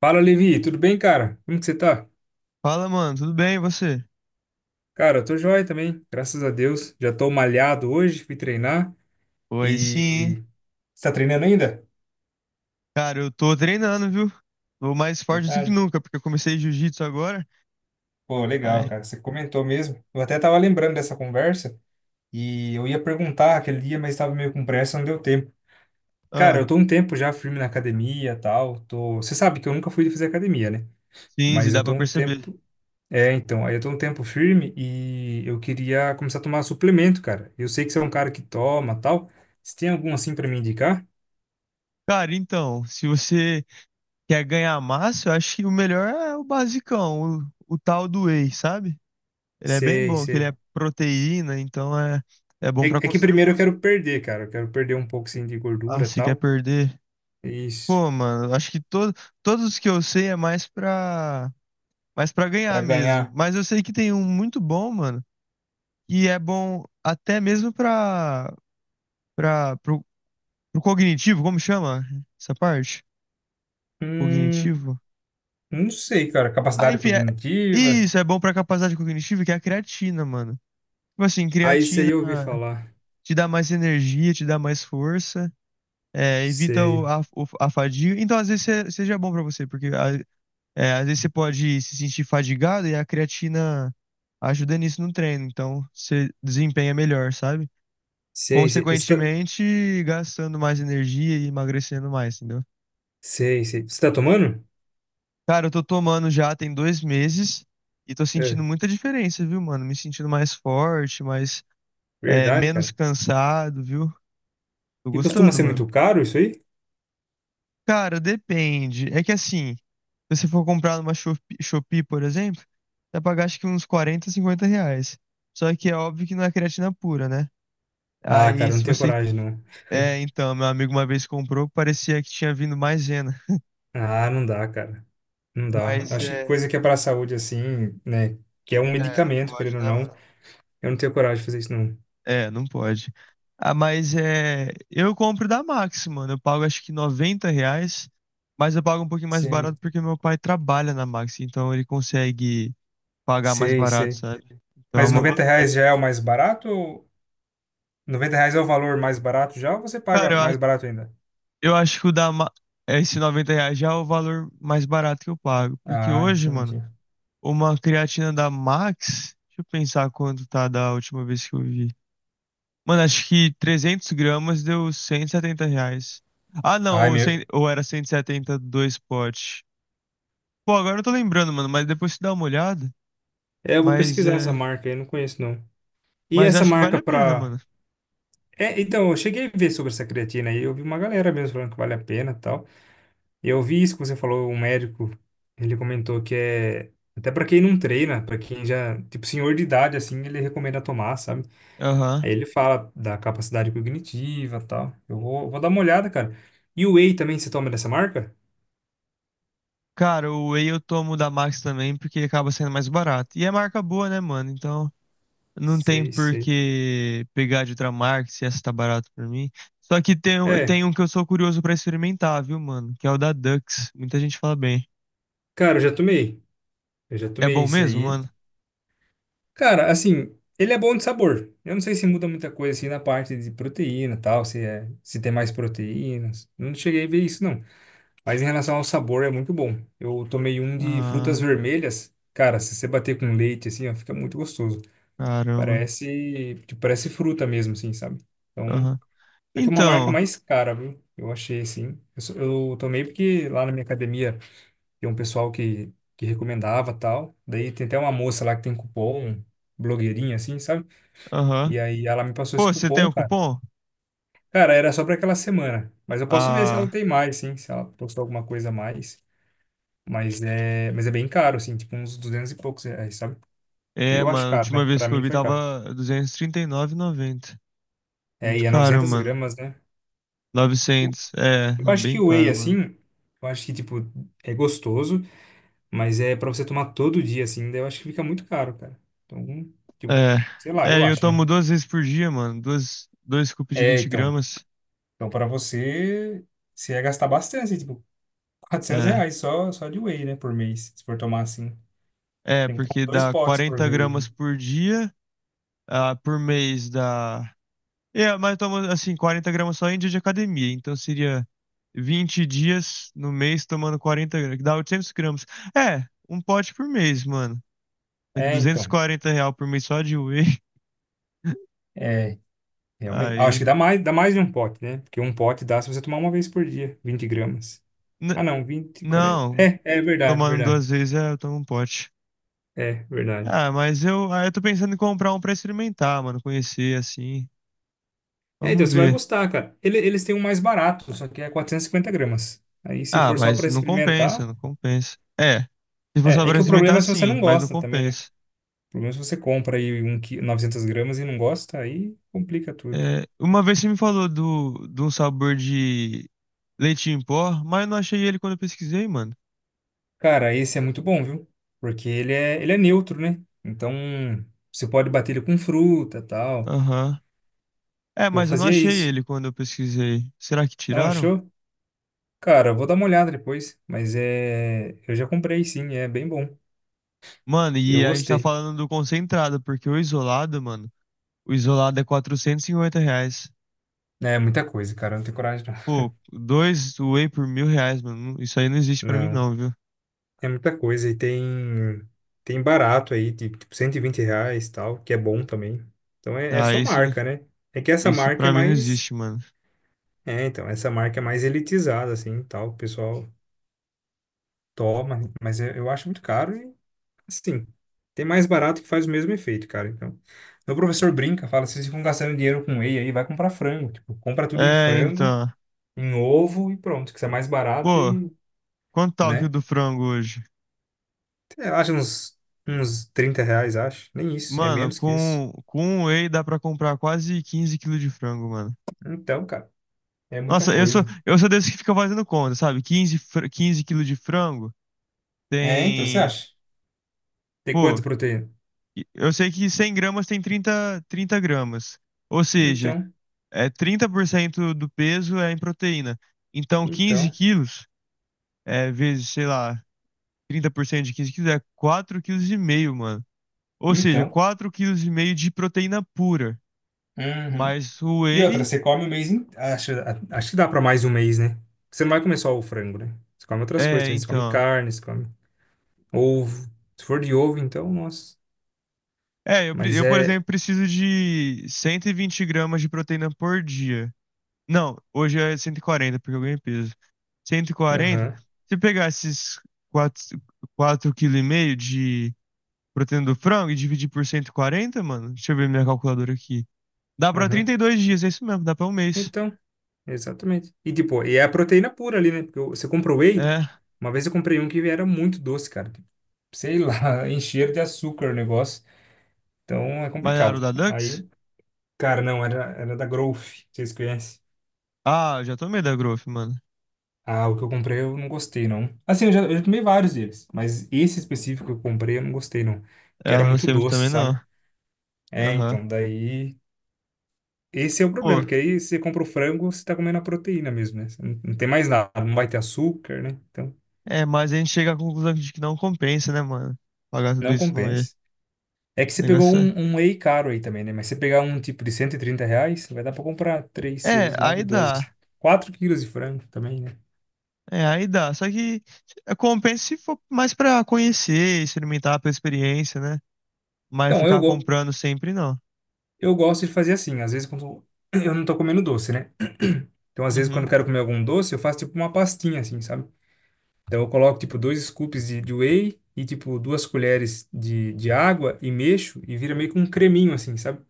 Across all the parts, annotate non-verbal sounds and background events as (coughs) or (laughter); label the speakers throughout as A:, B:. A: Fala, Levi, tudo bem, cara? Como que você tá?
B: Fala, mano, tudo bem e você?
A: Cara, eu tô joia também, graças a Deus. Já tô malhado hoje, fui treinar
B: Oi, sim.
A: e... Você tá treinando ainda?
B: Cara, eu tô treinando, viu? Tô mais forte do que
A: Verdade.
B: nunca, porque eu comecei jiu-jitsu agora.
A: Pô, legal,
B: Ai,
A: cara, você comentou mesmo. Eu até tava lembrando dessa conversa e eu ia perguntar aquele dia, mas tava meio com pressa, não deu tempo. Cara,
B: ah,
A: eu tô um tempo já firme na academia e tal, tô... Você sabe que eu nunca fui fazer academia, né?
B: sim, se
A: Mas
B: dá
A: eu tô
B: pra
A: um
B: perceber.
A: tempo É, então, aí eu tô um tempo firme e eu queria começar a tomar suplemento, cara. Eu sei que você é um cara que toma, tal. Se tem algum assim pra me indicar?
B: Cara, então, se você quer ganhar massa, eu acho que o melhor é o basicão, o tal do whey, sabe? Ele é bem
A: Sei,
B: bom, que ele
A: sei.
B: é proteína, então é bom
A: É,
B: pra
A: é que
B: construir
A: primeiro eu
B: músculo.
A: quero perder, cara. Eu quero perder um pouco assim de
B: Ah,
A: gordura,
B: se quer
A: tal.
B: perder?
A: Isso.
B: Pô, mano, acho que todos os que eu sei é mais pra
A: Pra
B: ganhar mesmo.
A: ganhar.
B: Mas eu sei que tem um muito bom, mano. E é bom até mesmo para pro, pro cognitivo, como chama essa parte?
A: Hum,
B: Cognitivo?
A: não sei, cara.
B: Ah,
A: Capacidade
B: enfim,
A: cognitiva.
B: isso é bom para capacidade cognitiva, que é a creatina, mano. Tipo assim,
A: Aí isso aí
B: creatina
A: eu ouvi falar.
B: te dá mais energia, te dá mais força, evita
A: Sei.
B: a fadiga. Então, às vezes, seja bom para você, porque às vezes você pode se sentir fadigado e a creatina ajuda nisso no treino. Então, você desempenha melhor, sabe?
A: Sei, sei. Isso tá...
B: Consequentemente, gastando mais energia e emagrecendo mais, entendeu?
A: Sei, sei. Você tá tomando?
B: Cara, eu tô tomando já tem 2 meses e tô sentindo
A: É,
B: muita diferença, viu, mano? Me sentindo mais forte, mais,
A: verdade,
B: menos
A: cara.
B: cansado, viu? Tô
A: E costuma
B: gostando,
A: ser
B: mano.
A: muito caro isso aí?
B: Cara, depende. É que assim, se você for comprar numa Shopee, por exemplo, vai pagar acho que uns 40, 50 reais. Só que é óbvio que não é creatina pura, né?
A: Ah,
B: Aí,
A: cara, eu não
B: se
A: tenho
B: você.
A: coragem, não.
B: É, então, meu amigo uma vez comprou, parecia que tinha vindo maisena.
A: Ah, não dá, cara. Não dá.
B: Mas
A: Acho que coisa
B: é.
A: que é para a saúde, assim, né? Que é um
B: É, não
A: medicamento,
B: pode,
A: querendo ou
B: né,
A: não.
B: mano?
A: Eu não tenho coragem de fazer isso, não.
B: É, não pode. Ah, mas é. Eu compro da Max, mano. Eu pago acho que 90 reais, mas eu pago um pouquinho mais barato
A: Sei.
B: porque meu pai trabalha na Max, então ele consegue pagar mais
A: Sei,
B: barato,
A: sei.
B: sabe? Então é
A: Mas
B: uma.
A: R$ 90 já é o mais barato? R$ 90 é o valor mais barato já ou você paga
B: Cara,
A: mais barato ainda?
B: eu acho que esse 90 reais já é o valor mais barato que eu pago. Porque
A: Ah,
B: hoje, mano,
A: entendi.
B: uma creatina da Max. Deixa eu pensar quanto tá da última vez que eu vi. Mano, acho que 300 gramas deu 170 reais. Ah, não,
A: Ai,
B: ou,
A: meu.
B: ou era 170 dois potes. Pô, agora eu não tô lembrando, mano, mas depois você dá uma olhada.
A: É, eu vou
B: Mas
A: pesquisar essa
B: é.
A: marca aí, não conheço não. E
B: Mas
A: essa
B: acho que vale
A: marca
B: a pena,
A: pra.
B: mano.
A: É, então, eu cheguei a ver sobre essa creatina aí, eu vi uma galera mesmo falando que vale a pena e tal. E eu vi isso que você falou, um médico, ele comentou que é até pra quem não treina, pra quem já, tipo, senhor de idade assim, ele recomenda tomar, sabe?
B: Aham.
A: Aí ele fala da capacidade cognitiva, tal. Eu vou dar uma olhada, cara. E o whey também você toma dessa marca?
B: Cara, o whey eu tomo da Max também, porque ele acaba sendo mais barato. E é marca boa, né, mano? Então não tem
A: Sei,
B: por
A: sei.
B: que pegar de outra marca se essa tá barata pra mim. Só que tem,
A: É,
B: tem um que eu sou curioso pra experimentar, viu, mano? Que é o da Dux. Muita gente fala bem.
A: cara, eu já tomei. Eu já
B: É
A: tomei
B: bom
A: esse
B: mesmo,
A: aí.
B: mano?
A: Cara, assim, ele é bom de sabor. Eu não sei se muda muita coisa assim na parte de proteína, e tal, se tem mais proteínas. Eu não cheguei a ver isso não. Mas em relação ao sabor, é muito bom. Eu tomei um de frutas
B: Ah.
A: vermelhas. Cara, se você bater com leite, assim, ó, fica muito gostoso.
B: Caramba.
A: Parece fruta mesmo, assim, sabe? Então,
B: Aham.
A: é que é uma marca
B: Então,
A: mais cara, viu? Eu achei, assim. Eu tomei porque lá na minha academia tem um pessoal que recomendava tal. Daí tem até uma moça lá que tem cupom, blogueirinha, assim, sabe?
B: aham.
A: E aí ela me passou
B: Pô,
A: esse
B: você tem
A: cupom,
B: o
A: cara.
B: cupom?
A: Cara, era só pra aquela semana. Mas eu posso ver se ela
B: Ah,
A: tem mais, assim, se ela postou alguma coisa a mais. Mas é bem caro, assim, tipo uns 200 e poucos reais, sabe? E
B: é,
A: eu acho
B: mano. A
A: caro, né?
B: última vez
A: Pra
B: que eu
A: mim
B: vi
A: foi caro.
B: tava duzentos e trinta e nove e noventa.
A: É, e
B: Muito
A: é
B: caro,
A: 900
B: mano.
A: gramas, né?
B: 900. É,
A: Eu
B: é
A: acho que
B: bem
A: o whey,
B: caro, mano.
A: assim, eu acho que, tipo, é gostoso, mas é pra você tomar todo dia, assim, daí eu acho que fica muito caro, cara. Então, tipo, sei lá,
B: É,
A: eu
B: é, eu
A: acho, né?
B: tomo duas vezes por dia, mano. Dois scoops de
A: É,
B: 20
A: então,
B: gramas.
A: então você ia gastar bastante, tipo, 400
B: É,
A: reais só de whey, né, por mês, se for tomar, assim.
B: é,
A: Tem que tomar
B: porque
A: dois
B: dá
A: potes por
B: 40
A: vez, né?
B: gramas por dia. Ah, por mês dá. É, mas toma, assim, 40 gramas só em dia de academia. Então seria 20 dias no mês tomando 40 gramas, que dá 800 gramas. É, um pote por mês, mano. Daqui
A: É, então.
B: 240 real por mês só de whey. (laughs)
A: É. Realmente. Ah, acho que
B: Aí.
A: dá mais de um pote, né? Porque um pote dá se você tomar uma vez por dia, 20 g.
B: N-
A: Ah, não, 20 40.
B: não,
A: É verdade,
B: tomando
A: verdade.
B: duas vezes é, eu tomo um pote.
A: É, verdade.
B: Ah, mas eu tô pensando em comprar um pra experimentar, mano. Conhecer, assim.
A: É, então
B: Vamos
A: você vai
B: ver.
A: gostar, cara. Eles têm um mais barato, só que é 450 g. Aí se
B: Ah,
A: for só
B: mas
A: pra
B: não compensa,
A: experimentar.
B: não compensa. É, se for só
A: É
B: pra
A: que o problema
B: experimentar,
A: é se você
B: sim,
A: não
B: mas não
A: gosta também, né?
B: compensa.
A: O problema é se você compra aí um, 900 gramas e não gosta, aí complica tudo.
B: É, uma vez você me falou de um sabor de leite em pó, mas eu não achei ele quando eu pesquisei, mano.
A: Cara, esse é muito bom, viu? Porque ele é neutro, né? Então, você pode bater ele com fruta, tal.
B: Aham. É,
A: Eu
B: mas eu não
A: fazia
B: achei
A: isso.
B: ele quando eu pesquisei. Será que
A: Não
B: tiraram?
A: achou? Cara, eu vou dar uma olhada depois, mas é, eu já comprei sim, é bem bom.
B: Mano,
A: Eu
B: e a gente tá
A: gostei.
B: falando do concentrado, porque o isolado, mano, o isolado é 450 reais.
A: É muita coisa, cara, eu não tenho coragem não.
B: Pô, dois whey por 1.000 reais, mano. Isso aí não existe pra mim
A: Não,
B: não, viu?
A: é muita coisa e tem barato aí, tipo, R$ 120 e tal, que é bom também. Então é
B: Ah,
A: só
B: isso,
A: marca, né? É que essa
B: isso
A: marca é
B: pra mim não
A: mais,
B: existe, mano.
A: é, Então, essa marca é mais elitizada assim, e tal, o pessoal toma, mas eu acho muito caro. Assim, tem mais barato que faz o mesmo efeito, cara. Então, meu professor brinca, fala, vocês ficam gastando dinheiro com whey aí, vai comprar frango. Tipo, compra tudo em
B: É,
A: frango,
B: então.
A: em ovo e pronto, que isso é mais barato
B: Pô,
A: e,
B: quanto tá o quilo
A: né?
B: do frango hoje?
A: Sei. Acho uns R$ 30, acho. Nem isso, é
B: Mano,
A: menos que isso.
B: com um whey dá pra comprar quase 15 quilos de frango, mano.
A: Então, cara, é muita
B: Nossa, eu sou,
A: coisa.
B: eu sou desse que fica fazendo conta, sabe? 15 quilos de frango
A: É, então, você
B: tem.
A: acha? Tem
B: Pô,
A: quanto proteína?
B: eu sei que 100 gramas tem trinta gramas. Ou seja,
A: Então,
B: é 30% do peso é em proteína. Então, 15
A: então,
B: quilos é vezes, sei lá, 30% de 15 quilos é 4,5 quilos, mano. Ou seja,
A: então.
B: 4,5 quilos de proteína pura.
A: Uhum.
B: Mas o
A: E outra,
B: whey.
A: você come o mês... Acho, que dá pra mais um mês, né? Você não vai comer só o frango, né? Você come outras coisas
B: É,
A: também. Você come
B: então.
A: carne, você come ovo. Se for de ovo, então, nossa.
B: É, eu, pre-
A: Mas
B: eu, por
A: é.
B: exemplo, preciso de 120 gramas de proteína por dia. Não, hoje é 140 porque eu ganhei peso. 140.
A: Aham,
B: Se eu pegar esses 4,5 kg de proteína do frango e dividir por 140, mano, deixa eu ver minha calculadora aqui. Dá pra trinta
A: aham.
B: e dois dias, é isso mesmo, dá pra um mês.
A: Então, exatamente. E tipo, e é a proteína pura ali, né? Porque você compra whey,
B: É,
A: uma vez eu comprei um que era muito doce, cara. Tipo, sei lá, (laughs) encher de açúcar o negócio. Então é
B: mas era o
A: complicado.
B: da Dux?
A: Aí, cara, não, era da Growth, vocês conhecem?
B: Ah, eu já tomei da Growth, mano.
A: Ah, o que eu comprei eu não gostei, não. Assim, eu já tomei vários deles, mas esse específico que eu comprei eu não gostei, não. Que
B: É, eu
A: era
B: não
A: muito
B: gostei muito
A: doce,
B: também, não.
A: sabe? É,
B: Aham.
A: então, daí. Esse é o
B: Pô,
A: problema, porque aí você compra o frango, você tá comendo a proteína mesmo, né? Você não tem mais nada, não vai ter açúcar, né? Então,
B: é, mas a gente chega à conclusão de que não compensa, né, mano? Pagar tudo
A: não
B: isso não é.
A: compensa. É que
B: O
A: você pegou
B: negócio é.
A: um whey caro aí também, né? Mas se você pegar um tipo de R$ 130, vai dar pra comprar três,
B: É,
A: 6, 9,
B: aí
A: 12,
B: dá.
A: 4 quilos de frango também, né?
B: É, aí dá. Só que é, compensa se for mais pra conhecer, experimentar pela experiência, né? Mas
A: Então,
B: ficar comprando sempre não.
A: eu gosto de fazer assim, às vezes quando (coughs) (clears throat) eu não tô comendo doce, né? Então, às vezes quando
B: Uhum.
A: eu quero comer algum doce, eu faço tipo uma pastinha assim, sabe? Então, eu coloco tipo dois scoops de whey e tipo duas colheres de água e mexo e vira meio que um creminho assim, sabe?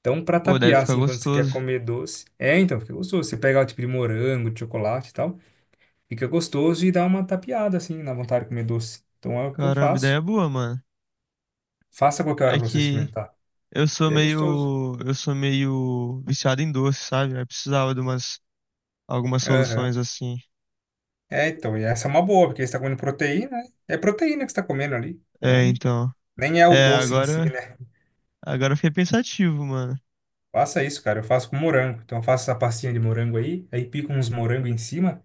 A: Então, pra
B: Pô, deve
A: tapear,
B: ficar
A: assim, quando você quer
B: gostoso.
A: comer doce, fica gostoso. Você pega, tipo, de morango, de chocolate e tal, fica gostoso e dá uma tapeada, assim, na vontade de comer doce. Então, é o que eu
B: Caramba, ideia
A: faço.
B: boa, mano.
A: Faça a qualquer hora
B: É
A: pra você
B: que
A: experimentar.
B: eu sou
A: E é gostoso.
B: meio. Eu sou meio viciado em doce, sabe? Aí precisava de umas algumas
A: Aham.
B: soluções assim.
A: É, então, e essa é uma boa, porque você tá comendo proteína, né? É proteína que você tá comendo ali.
B: É,
A: Então,
B: então.
A: nem é o
B: É,
A: doce em si,
B: agora.
A: né?
B: Agora eu fiquei pensativo, mano.
A: Faça isso, cara. Eu faço com morango. Então, eu faço essa pastinha de morango aí, aí pico uns morangos em cima.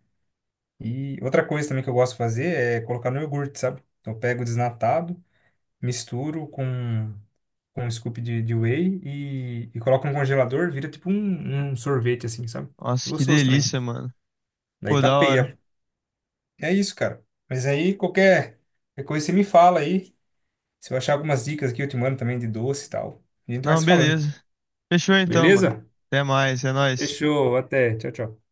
A: E outra coisa também que eu gosto de fazer é colocar no iogurte, sabe? Então, eu pego desnatado. Misturo com um scoop de whey e coloco no congelador, vira tipo um sorvete, assim, sabe? Fica
B: Nossa, que
A: gostoso também.
B: delícia, mano.
A: Daí
B: Pô, da
A: tapeia.
B: hora.
A: É isso, cara. Mas aí qualquer coisa você me fala aí. Se eu achar algumas dicas aqui, eu te mando também de doce e tal. A gente vai
B: Não,
A: se falando.
B: beleza. Fechou então, mano.
A: Beleza?
B: Até mais, é nóis.
A: Fechou. Até. Tchau, tchau.